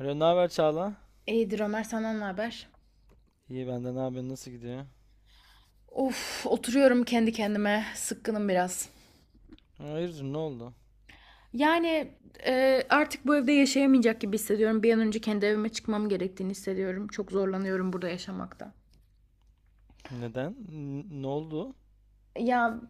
Alo, ne haber Çağla? İyidir Ömer senden ne haber? İyi benden ne haber? Nasıl gidiyor? Of oturuyorum kendi kendime sıkkınım biraz. Hayırdır, ne oldu? Yani artık bu evde yaşayamayacak gibi hissediyorum. Bir an önce kendi evime çıkmam gerektiğini hissediyorum. Çok zorlanıyorum burada yaşamakta. Neden? Ne oldu? Ya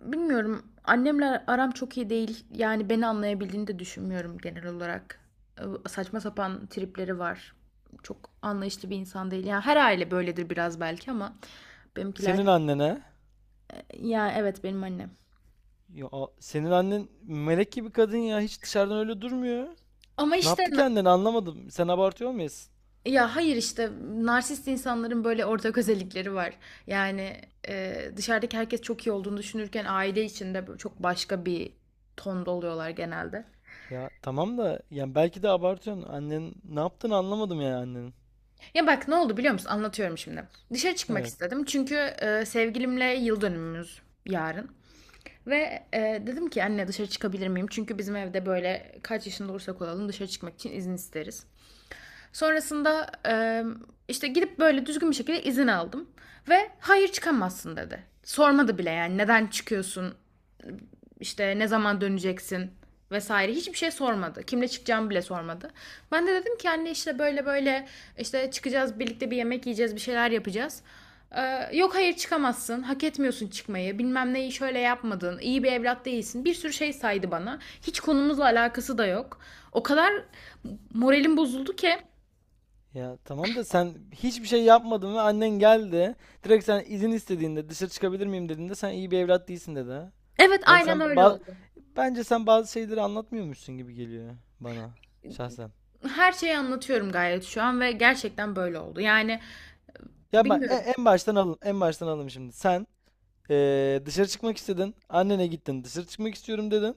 bilmiyorum, annemle aram çok iyi değil. Yani beni anlayabildiğini de düşünmüyorum genel olarak. Saçma sapan tripleri var. Çok anlayışlı bir insan değil. Yani her aile böyledir biraz belki ama benimkiler, Senin annene? ya evet benim annem. Ya, senin annen melek gibi kadın ya. Hiç dışarıdan öyle durmuyor. Ama Ne işte yaptı kendini anlamadım. Sen abartıyor muyuz? ya hayır işte narsist insanların böyle ortak özellikleri var. Yani Dışarıdaki herkes çok iyi olduğunu düşünürken aile içinde böyle çok başka bir tonda oluyorlar genelde. Ya tamam da yani belki de abartıyorsun. Annen ne yaptığını anlamadım yani annenin. Ya bak ne oldu biliyor musun? Anlatıyorum şimdi. Dışarı çıkmak Evet. istedim çünkü e, sevgilimle yıl dönümümüz yarın. Ve dedim ki anne dışarı çıkabilir miyim? Çünkü bizim evde böyle kaç yaşında olursak olalım dışarı çıkmak için izin isteriz. Sonrasında işte gidip böyle düzgün bir şekilde izin aldım. Ve hayır çıkamazsın dedi. Sormadı bile yani neden çıkıyorsun, işte ne zaman döneceksin vesaire hiçbir şey sormadı. Kimle çıkacağımı bile sormadı. Ben de dedim ki anne işte böyle böyle işte çıkacağız birlikte bir yemek yiyeceğiz bir şeyler yapacağız. Yok hayır çıkamazsın. Hak etmiyorsun çıkmayı. Bilmem neyi şöyle yapmadın. İyi bir evlat değilsin. Bir sürü şey saydı bana. Hiç konumuzla alakası da yok. O kadar moralim bozuldu ki. Ya tamam da sen hiçbir şey yapmadın ve annen geldi. Direkt sen izin istediğinde dışarı çıkabilir miyim dediğinde sen iyi bir evlat değilsin dedi. Evet Bence sen aynen öyle ba- oldu. bence sen bazı şeyleri anlatmıyormuşsun gibi geliyor bana şahsen. Her şeyi anlatıyorum gayet şu an ve gerçekten böyle oldu. Yani Ya bak bilmiyorum. en baştan alalım, en baştan alalım şimdi. Sen dışarı çıkmak istedin, annene gittin, dışarı çıkmak istiyorum dedin.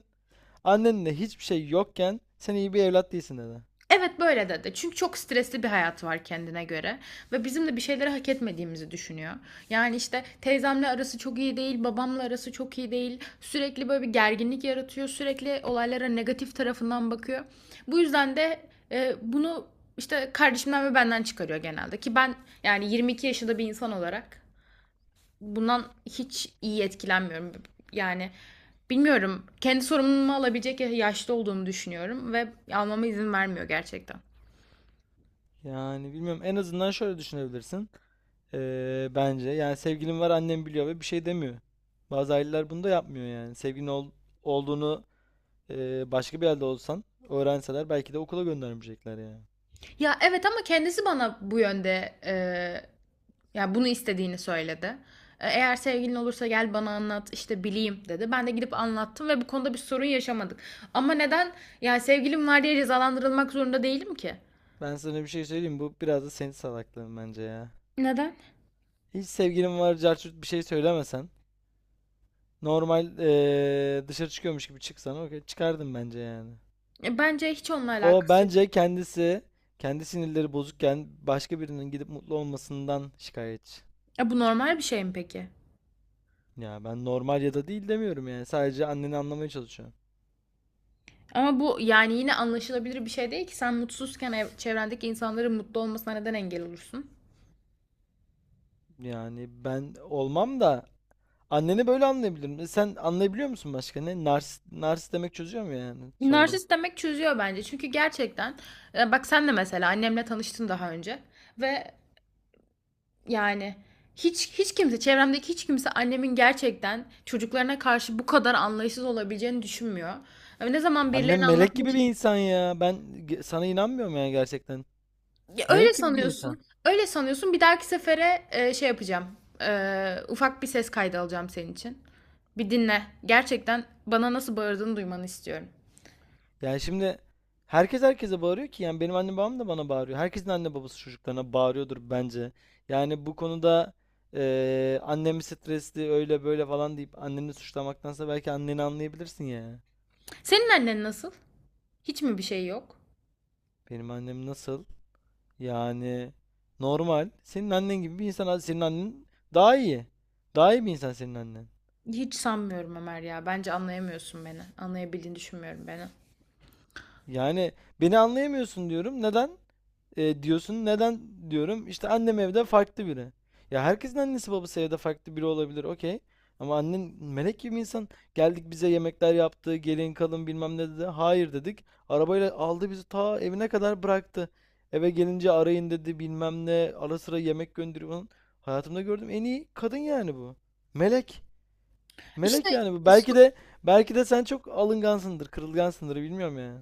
Annenle hiçbir şey yokken sen iyi bir evlat değilsin dedi. Evet böyle dedi. Çünkü çok stresli bir hayatı var kendine göre ve bizim de bir şeyleri hak etmediğimizi düşünüyor. Yani işte teyzemle arası çok iyi değil, babamla arası çok iyi değil. Sürekli böyle bir gerginlik yaratıyor. Sürekli olaylara negatif tarafından bakıyor. Bu yüzden de bunu işte kardeşimden ve benden çıkarıyor genelde ki ben yani 22 yaşında bir insan olarak bundan hiç iyi etkilenmiyorum. Yani bilmiyorum. Kendi sorumluluğumu alabilecek yaşta olduğumu düşünüyorum ve almama izin vermiyor gerçekten. Yani bilmiyorum, en azından şöyle düşünebilirsin. Bence yani sevgilim var, annem biliyor ve bir şey demiyor. Bazı aileler bunu da yapmıyor yani. Sevgilin olduğunu başka bir yerde olsan öğrenseler belki de okula göndermeyecekler yani. Ya evet ama kendisi bana bu yönde ya bunu istediğini söyledi. Eğer sevgilin olursa gel bana anlat işte bileyim dedi. Ben de gidip anlattım ve bu konuda bir sorun yaşamadık. Ama neden ya sevgilim var diye cezalandırılmak zorunda değilim ki? Ben sana bir şey söyleyeyim. Bu biraz da senin salaklığın bence ya. Neden? Hiç sevgilim var, carçurt bir şey söylemesen. Normal dışarı çıkıyormuş gibi çıksana. Okey, çıkardım bence yani. Bence hiç onunla O alakası yok. bence kendisi, kendi sinirleri bozukken başka birinin gidip mutlu olmasından şikayetçi. E, bu normal bir şey mi peki? Ya ben normal ya da değil demiyorum yani. Sadece anneni anlamaya çalışıyorum. Ama bu yani yine anlaşılabilir bir şey değil ki. Sen mutsuzken çevrendeki insanların mutlu olmasına neden engel olursun? Yani ben olmam da anneni böyle anlayabilirim. E sen anlayabiliyor musun başka ne? Nars, nars demek çözüyor mu yani sorunu? Narsist demek çözüyor bence. Çünkü gerçekten bak sen de mesela annemle tanıştın daha önce ve yani hiç kimse, çevremdeki hiç kimse annemin gerçekten çocuklarına karşı bu kadar anlayışsız olabileceğini düşünmüyor. Yani ne zaman Annem birilerine melek anlatmaya, gibi bir insan ya. Sana inanmıyorum yani gerçekten. ya öyle Melek gibi bir insan. sanıyorsun. Öyle sanıyorsun. Bir dahaki sefere şey yapacağım. Ufak bir ses kaydı alacağım senin için. Bir dinle. Gerçekten bana nasıl bağırdığını duymanı istiyorum. Yani şimdi herkes herkese bağırıyor ki, yani benim annem babam da bana bağırıyor. Herkesin anne babası çocuklarına bağırıyordur bence. Yani bu konuda annem stresli öyle böyle falan deyip anneni suçlamaktansa belki anneni anlayabilirsin ya. Senin annen nasıl? Hiç mi bir şey yok? Benim annem nasıl? Yani normal. Senin annen gibi bir insan. Hadi senin annen daha iyi. Daha iyi bir insan senin annen. Hiç sanmıyorum Ömer ya. Bence anlayamıyorsun beni. Anlayabildiğini düşünmüyorum beni. Yani beni anlayamıyorsun diyorum. Neden? Diyorsun neden, diyorum işte annem evde farklı biri. Ya herkesin annesi babası evde farklı biri olabilir, okey. Ama annen melek gibi insan, geldik bize yemekler yaptı, gelin kalın bilmem ne dedi. Hayır dedik. Arabayla aldı bizi ta evine kadar bıraktı. Eve gelince arayın dedi, bilmem ne, ara sıra yemek gönderiyor falan. Hayatımda gördüğüm en iyi kadın yani bu. Melek. İşte Melek yani bu. Belki de sen çok alıngansındır, kırılgansındır, bilmiyorum yani.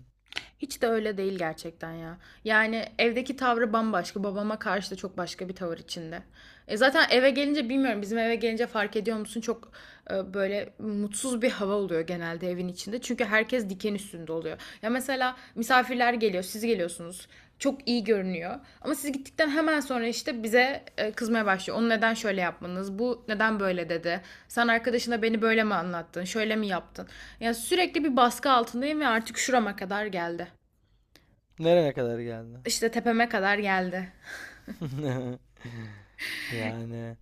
hiç de öyle değil gerçekten ya. Yani evdeki tavrı bambaşka. Babama karşı da çok başka bir tavır içinde. E zaten eve gelince bilmiyorum, bizim eve gelince fark ediyor musun? Çok böyle mutsuz bir hava oluyor genelde evin içinde. Çünkü herkes diken üstünde oluyor. Ya mesela misafirler geliyor, siz geliyorsunuz. Çok iyi görünüyor. Ama siz gittikten hemen sonra işte bize kızmaya başlıyor. Onu neden şöyle yapmanız? Bu neden böyle dedi? Sen arkadaşına beni böyle mi anlattın? Şöyle mi yaptın? Yani sürekli bir baskı altındayım ve artık şurama kadar geldi. Nereye kadar geldi? İşte tepeme kadar geldi. Yani.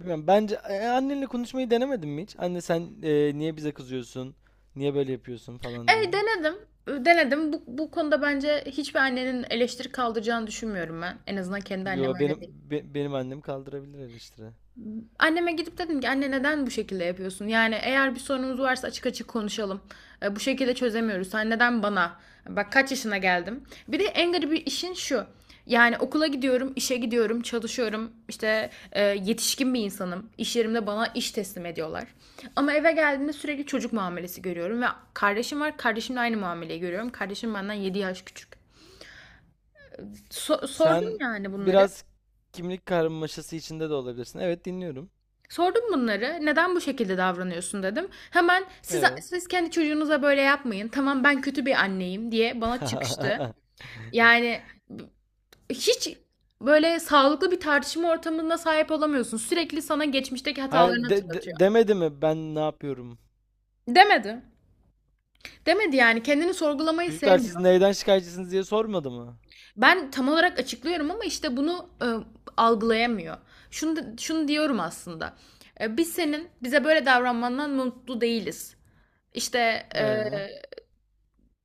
Bilmiyorum. Bence annenle konuşmayı denemedin mi hiç? Anne sen niye bize kızıyorsun? Niye böyle yapıyorsun falan E diye. denedim. Denedim. Bu konuda bence hiçbir annenin eleştiri kaldıracağını düşünmüyorum ben. En azından kendi annem Yo öyle benim değil. be- benim annem kaldırabilir eleştiri. Anneme gidip dedim ki anne neden bu şekilde yapıyorsun? Yani eğer bir sorunumuz varsa açık açık konuşalım. Bu şekilde çözemiyoruz. Sen neden bana? Bak kaç yaşına geldim. Bir de en garibi işin şu. Yani okula gidiyorum, işe gidiyorum, çalışıyorum. İşte yetişkin bir insanım. İş yerimde bana iş teslim ediyorlar. Ama eve geldiğimde sürekli çocuk muamelesi görüyorum. Ve kardeşim var, kardeşimle aynı muameleyi görüyorum. Kardeşim benden 7 yaş küçük. Sordum Sen yani bunları. biraz kimlik karmaşası içinde de olabilirsin. Evet, dinliyorum. Sordum bunları. Neden bu şekilde davranıyorsun dedim. Hemen siz Evet. siz kendi çocuğunuza böyle yapmayın. Tamam ben kötü bir anneyim diye bana çıkıştı. Yani b- Hiç böyle sağlıklı bir tartışma ortamına sahip olamıyorsun. Sürekli sana geçmişteki hatalarını Hayır, hatırlatıyor. demedi mi ben ne yapıyorum? Demedi. Demedi, yani kendini sorgulamayı Çocuklar siz sevmiyor. neyden şikayetçisiniz diye sormadı mı? Ben tam olarak açıklıyorum ama işte bunu algılayamıyor. Şunu diyorum aslında. Biz senin bize böyle davranmandan mutlu değiliz. İşte e, Ee?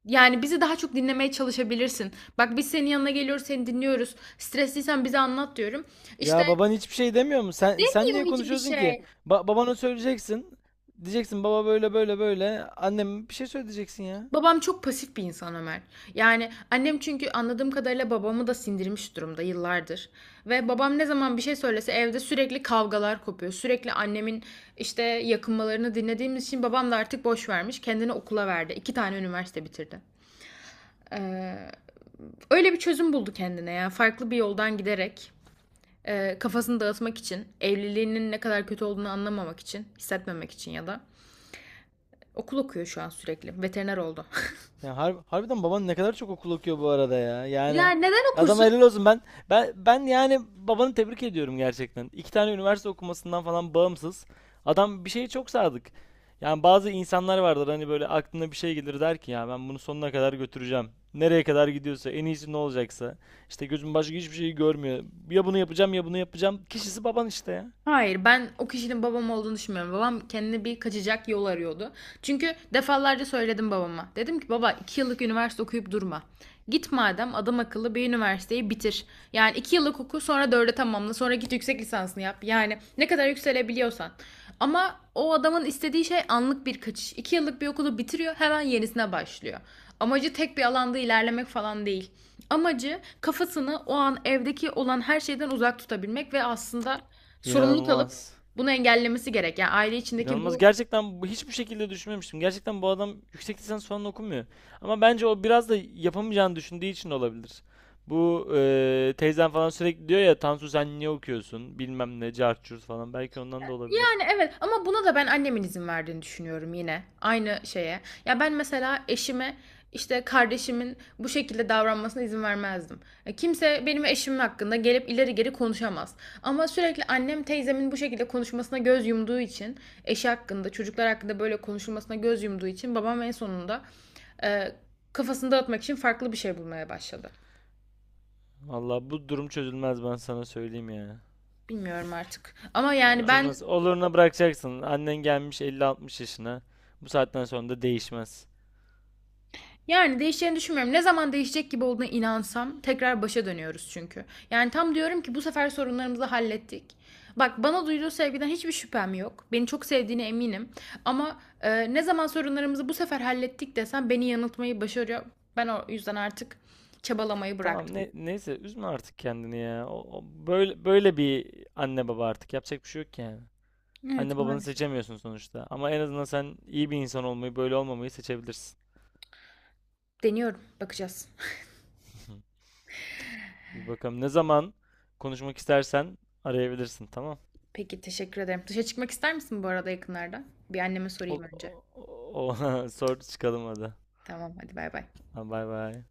Yani bizi daha çok dinlemeye çalışabilirsin. Bak biz senin yanına geliyoruz, seni dinliyoruz. Stresliysen bize anlat diyorum. İşte Ya baban hiçbir şey demiyor mu? Sen yok niye hiçbir konuşuyorsun ki? şey. Babana söyleyeceksin. Diyeceksin baba böyle böyle böyle. Annem bir şey söyleyeceksin ya. Babam çok pasif bir insan Ömer. Yani annem çünkü anladığım kadarıyla babamı da sindirmiş durumda yıllardır. Ve babam ne zaman bir şey söylese evde sürekli kavgalar kopuyor. Sürekli annemin işte yakınmalarını dinlediğimiz için babam da artık boş vermiş. Kendini okula verdi. İki tane üniversite bitirdi. Ee, Öyle bir çözüm buldu kendine ya. Farklı bir yoldan giderek, kafasını dağıtmak için, evliliğinin ne kadar kötü olduğunu anlamamak için, hissetmemek için ya da okul okuyor şu an sürekli. Veteriner oldu. Ya harbiden baban ne kadar çok okul okuyor bu arada ya. Yani Yani neden adama okursun? helal olsun. Ben yani babanı tebrik ediyorum gerçekten. İki tane üniversite okumasından falan bağımsız. Adam bir şeye çok sadık. Yani bazı insanlar vardır hani, böyle aklına bir şey gelir, der ki ya ben bunu sonuna kadar götüreceğim. Nereye kadar gidiyorsa, en iyisi ne olacaksa. İşte gözüm başka hiçbir şeyi görmüyor. Ya bunu yapacağım ya bunu yapacağım. Kişisi baban işte ya. Hayır, ben o kişinin babam olduğunu düşünmüyorum. Babam kendine bir kaçacak yol arıyordu. Çünkü defalarca söyledim babama. Dedim ki baba 2 yıllık üniversite okuyup durma. Git madem adam akıllı bir üniversiteyi bitir. Yani 2 yıllık oku sonra dörde tamamla sonra git yüksek lisansını yap. Yani ne kadar yükselebiliyorsan. Ama o adamın istediği şey anlık bir kaçış. 2 yıllık bir okulu bitiriyor hemen yenisine başlıyor. Amacı tek bir alanda ilerlemek falan değil. Amacı kafasını o an evdeki olan her şeyden uzak tutabilmek ve aslında sorumluluk alıp İnanılmaz. bunu engellemesi gerek. Yani aile içindeki İnanılmaz. bu, Gerçekten hiçbir şekilde düşünmemiştim. Gerçekten bu adam yüksek lisans falan okumuyor. Ama bence o biraz da yapamayacağını düşündüğü için olabilir. Bu teyzem falan sürekli diyor ya, Tansu sen niye okuyorsun? Bilmem ne, cart curt falan. Belki ondan da olabilir. yani evet ama buna da ben annemin izin verdiğini düşünüyorum yine. Aynı şeye. Ya ben mesela eşime işte kardeşimin bu şekilde davranmasına izin vermezdim. Kimse benim eşimin hakkında gelip ileri geri konuşamaz. Ama sürekli annem teyzemin bu şekilde konuşmasına göz yumduğu için, eşi hakkında, çocuklar hakkında böyle konuşulmasına göz yumduğu için babam en sonunda e, kafasını dağıtmak için farklı bir şey bulmaya başladı. Valla bu durum çözülmez, ben sana söyleyeyim ya. Bilmiyorum artık. Ama Ha, bu yani ben, çözülmez. Oluruna bırakacaksın. Annen gelmiş 50-60 yaşına. Bu saatten sonra da değişmez. yani değişeceğini düşünmüyorum. Ne zaman değişecek gibi olduğuna inansam tekrar başa dönüyoruz çünkü. Yani tam diyorum ki bu sefer sorunlarımızı hallettik. Bak bana duyduğu sevgiden hiçbir şüphem yok. Beni çok sevdiğine eminim. Ama ne zaman sorunlarımızı bu sefer hallettik desem beni yanıltmayı başarıyor. Ben o yüzden artık çabalamayı Tamam, bıraktım. ne, neyse, üzme artık kendini ya. Böyle böyle bir anne baba, artık yapacak bir şey yok ki yani. Anne Evet babanı maalesef. seçemiyorsun sonuçta. Ama en azından sen iyi bir insan olmayı, böyle olmamayı seçebilirsin. Deniyorum. Bakacağız. Bir bakalım. Ne zaman konuşmak istersen arayabilirsin, tamam? Peki teşekkür ederim. Dışa çıkmak ister misin bu arada yakınlarda? Bir anneme O, sorayım önce. o, Sor çıkalım hadi. Tamam hadi bay bay. Ha, bay bay.